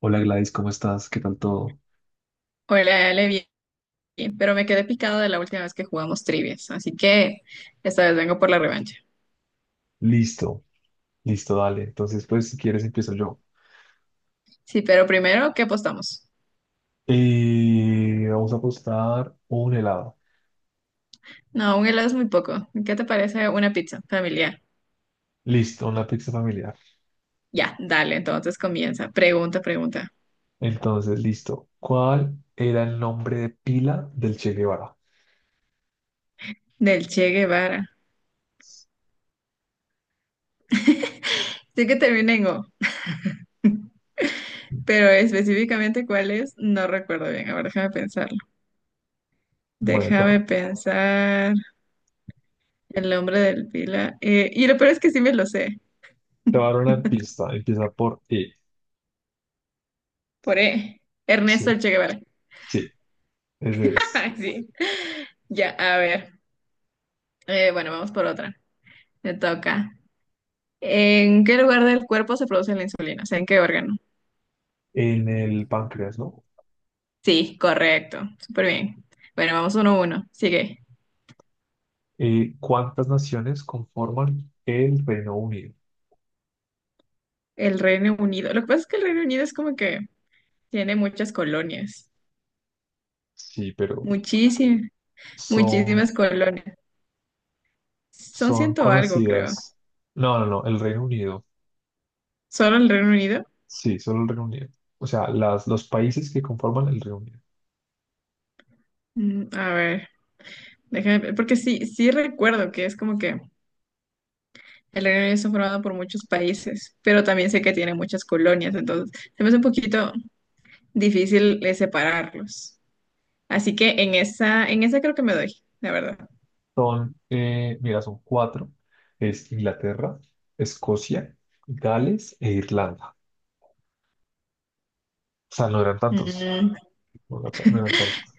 Hola Gladys, ¿cómo estás? ¿Qué tal todo? Hola, Ale, bien, pero me quedé picado de la última vez que jugamos trivias, así que esta vez vengo por la revancha. Listo, listo, dale. Entonces, pues si quieres empiezo yo. Sí, pero primero, ¿qué apostamos? Y vamos a apostar un helado. No, un helado es muy poco. ¿Qué te parece una pizza familiar? Listo, una pizza familiar. Ya, dale, entonces comienza. Pregunta, pregunta. Entonces, listo. ¿Cuál era el nombre de pila del Che Guevara? Del Che Guevara. Sí que termina en O, pero específicamente cuál es, no recuerdo bien. A ver, déjame pensarlo. Bueno, te Déjame pensar el nombre del pila. Y lo peor es que sí me lo sé. te voy a dar una pista. Empieza por E. Por E. Ernesto Sí, el Che Guevara. sí, ese es. Sí. Ya, a ver. Bueno, vamos por otra. Me toca. ¿En qué lugar del cuerpo se produce la insulina? O sea, ¿en qué órgano? En el páncreas, ¿no? Sí, correcto. Súper bien. Bueno, vamos uno a uno. Sigue. ¿Cuántas naciones conforman el Reino Unido? El Reino Unido. Lo que pasa es que el Reino Unido es como que tiene muchas colonias. Sí, pero Muchísimas, son muchísimas colonias. Son Son ciento algo, creo. conocidas. No, no, no, el Reino Unido. ¿Solo el Reino Unido? Sí, solo el Reino Unido. O sea, los países que conforman el Reino Unido Mm, a ver, déjame, ver, porque sí, sí recuerdo que es como que el Reino Unido está formado por muchos países, pero también sé que tiene muchas colonias, entonces se me hace un poquito difícil separarlos. Así que en esa creo que me doy, la verdad. son, mira, son cuatro. Es Inglaterra, Escocia, Gales e Irlanda. O sea, no eran tantos. Mm, No eran tantos.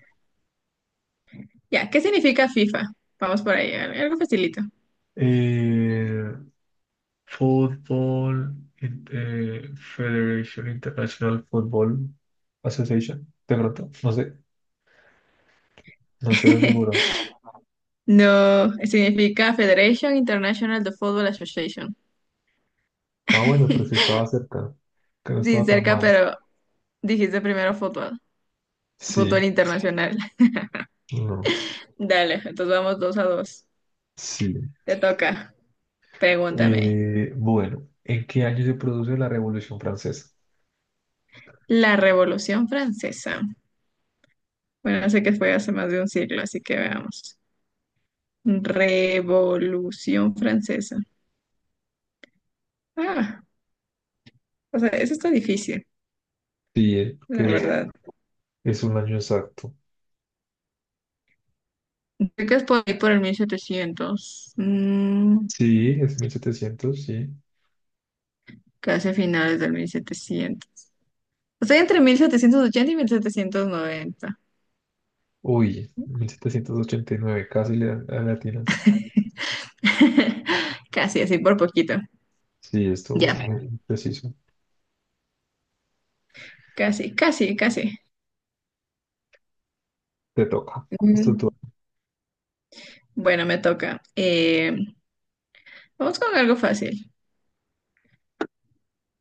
ya, ¿qué significa FIFA? Vamos por ahí, algo facilito. Eh, Fútbol, Federation International Football Association. De pronto, no sé, no estoy de seguro. No, significa Federation International de Football Association. Ah, bueno, pero sí estaba cerca, que no Sí, estaba tan cerca, mal. pero dijiste primero fútbol, fútbol Sí, internacional. no, Dale, entonces vamos dos a dos. sí. Te toca, pregúntame. Bueno, ¿en qué año se produce la Revolución Francesa? La Revolución Francesa. Bueno, sé que fue hace más de un siglo, así que veamos. Revolución Francesa. Ah, o sea, eso está difícil, Sí, la que Sí. es, verdad. es un año exacto. Creo que es por ahí por el 1700, Sí, es 1700, sí. casi a finales del 1700. Estoy entre 1780 y 1790. Uy, 1789, casi le latinas. Casi, así por poquito. Sí, esto Ya, muy preciso. casi, casi, casi. Te toca. Esto tú. Mm, bueno, me toca. Vamos con algo fácil.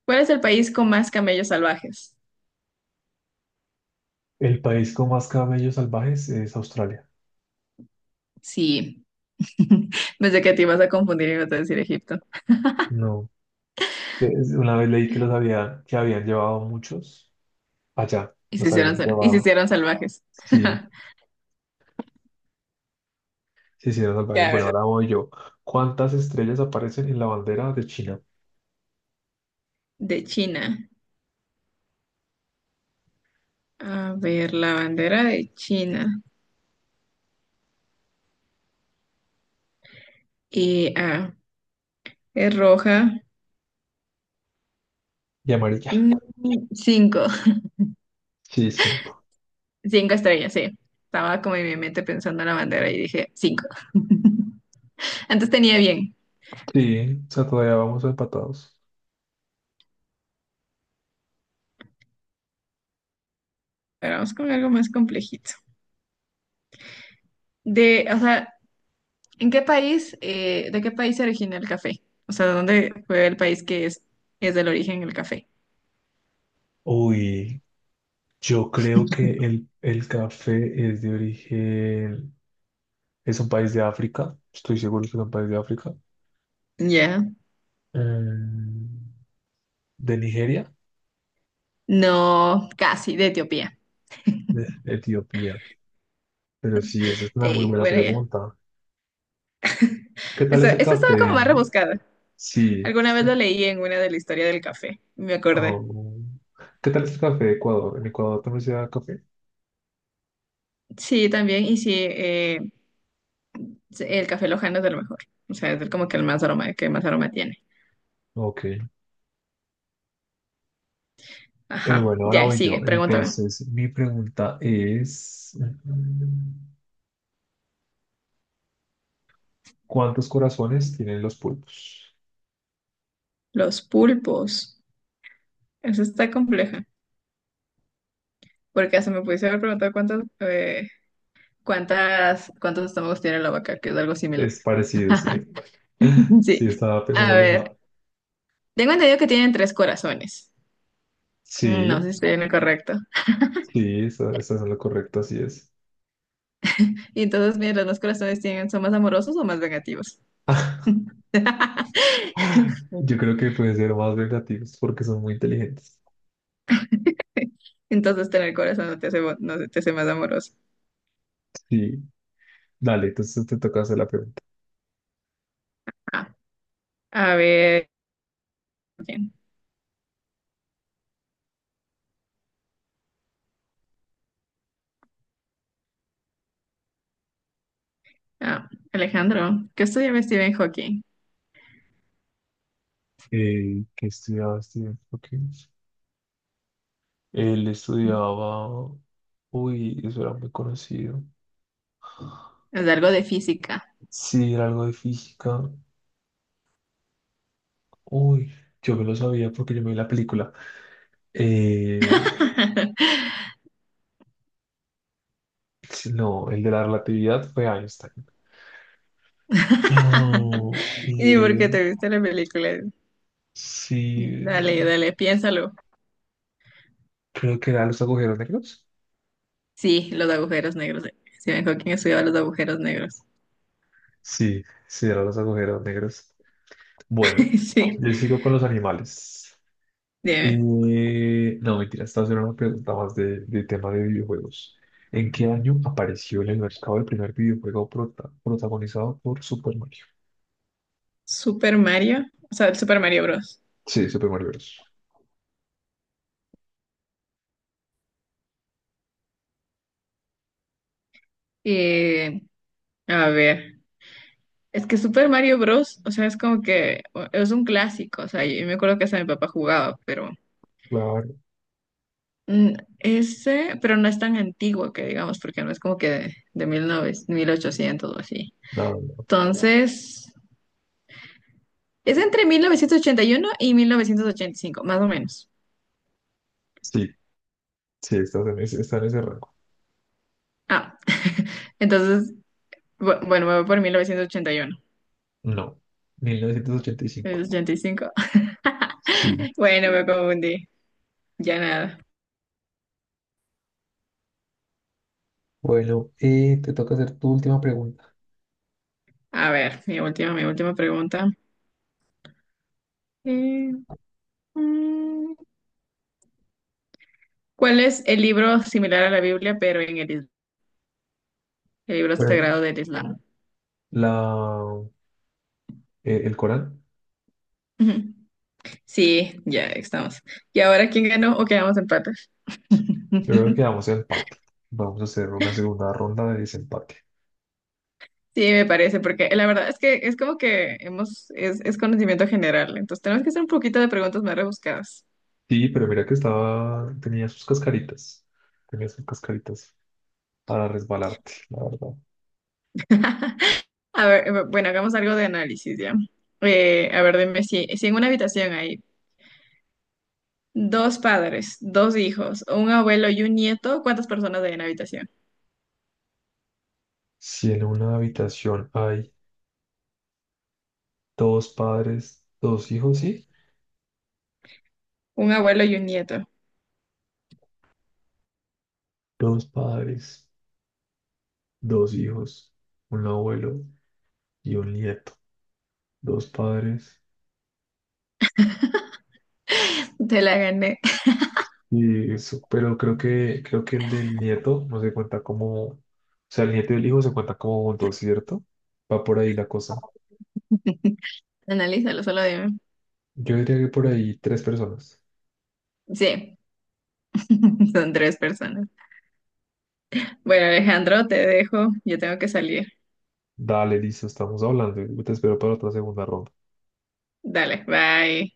¿Cuál es el país con más camellos salvajes? El país con más camellos salvajes es Australia. Sí, pensé que te ibas a confundir y ibas a decir Egipto. No. Una vez leí que que habían llevado muchos allá. Y se Los hicieron, habían y se llevado. hicieron salvajes. Sí. Sí, sí, las salvajes. Ya, Bueno, ahora voy yo. ¿Cuántas estrellas aparecen en la bandera de China? de China. A ver, la bandera de China. Y ah, es roja. Y amarilla. Mm, cinco. Sí, cinco. Cinco estrellas, sí. Estaba como en mi mente pensando en la bandera y dije cinco. Antes tenía bien, Sí, o sea, todavía vamos empatados. pero vamos con algo más complejito. De, o sea, ¿en qué país, de qué país se origina el café? O sea, ¿dónde fue el país que es del origen el café? Uy, yo creo que el café es de origen, es un país de África. Estoy seguro que es un país de África. Ya. Mm, ¿De Nigeria? No, casi, de Etiopía. De Etiopía. Pero sí, esa es una muy Sí, buena bueno, ya. pregunta. ¿Qué tal Esta, es el esta estaba café? como más rebuscada. Sí. Alguna vez lo leí en una de la historia del café, me acordé. Oh. ¿Qué tal es el café de Ecuador? ¿En Ecuador también se da café? Sí, también, y sí, sí, el café lojano es de lo mejor. O sea, como que el más aroma, que más aroma tiene. Ok. Eh, Ajá, bueno, ahora ya, voy yo. sigue, pregúntame. Entonces, mi pregunta es, ¿cuántos corazones tienen los pulpos? Los pulpos. Eso está compleja. Porque hasta me pudiste haber preguntado cuántas, cuántos estómagos tiene la vaca, que es algo similar. Es parecido, sí. Sí. Sí, estaba pensando A lo mismo. ver, tengo entendido que tienen tres corazones. No sé Sí, si estoy en lo correcto. sí, estás es lo correcto, así es. Y entonces, mira, ¿los dos corazones tienen, son más amorosos o más vengativos? Yo creo que pueden ser más vengativos porque son muy inteligentes. Entonces tener corazón no te hace, no te hace más amoroso. Sí, dale, entonces te toca hacer la pregunta. Ah, a ver, ¿quién? Ah, Alejandro, ¿qué estudiaba Stephen Hawking? ¿Qué estudiaba Stephen Hawking? Él estudiaba... Uy, eso era muy conocido. Es algo de física. Sí, era algo de física. Uy, yo me lo sabía porque yo me vi la película. Eh, sí, no, el de la relatividad fue Einstein. Oh, y ¿Y por qué te viste la película? Ciro- Dale, dale, piénsalo. Creo que era los agujeros negros. Sí, los agujeros negros. Stephen Hawking estudiaba los agujeros negros. Sí, sí, eran los agujeros negros. Bueno, Sí, yo sigo con los animales. dime. No, mentira, esta haciendo una pregunta más de tema de videojuegos. ¿En qué año apareció en el mercado el primer videojuego protagonizado por Super Mario? Super Mario, o sea, el Super Mario Bros. Sí, Super Mario Bros. Eh, a ver. Es que Super Mario Bros., o sea, es como que es un clásico, o sea, yo me acuerdo que hasta mi papá jugaba, pero Claro, mm, ese, pero no es tan antiguo que digamos, porque no es como que de 1800 o así. nada. Entonces, es entre 1981 y 1985 más o menos. Sí, sí, está en ese rango. Ah, entonces, bueno, me voy por 1980 ochenta No, mil novecientos ochenta y y uno cinco. 85. Sí. Bueno, me confundí, ya nada. Bueno, te toca hacer tu última pregunta. A ver, mi última pregunta. Eh, mm, ¿Cuál es el libro similar a la Biblia, pero en el, el libro Bueno, sagrado del Islam? la, el Corán, Ujú. Sí, ya estamos. ¿Y ahora quién ganó o quedamos empates? yo creo que quedamos en empate. Vamos a hacer una segunda ronda de desempate. Sí, me parece, porque la verdad es que es como que hemos, es conocimiento general, entonces tenemos que hacer un poquito de preguntas más rebuscadas. Sí, pero mira que estaba, tenía sus cascaritas. Tenía sus cascaritas para resbalarte, la verdad. A ver, bueno, hagamos algo de análisis ya. A ver, dime si, si en una habitación hay dos padres, dos hijos, un abuelo y un nieto, ¿cuántas personas hay en la habitación? Si en una habitación hay dos padres, dos hijos, ¿sí? Un abuelo y un nieto. Dos padres, dos hijos, un abuelo y un nieto. Dos padres. Te la gané. Y eso, pero creo que el del nieto no se cuenta como, o sea, el nieto y el hijo se cuentan como juntos, ¿cierto? Va por ahí la cosa. Analízalo, solo dime. Yo diría que por ahí tres personas. Sí, son tres personas. Bueno, Alejandro, te dejo. Yo tengo que salir. Dale, listo, estamos hablando. Yo te espero para otra segunda ronda. Dale, bye.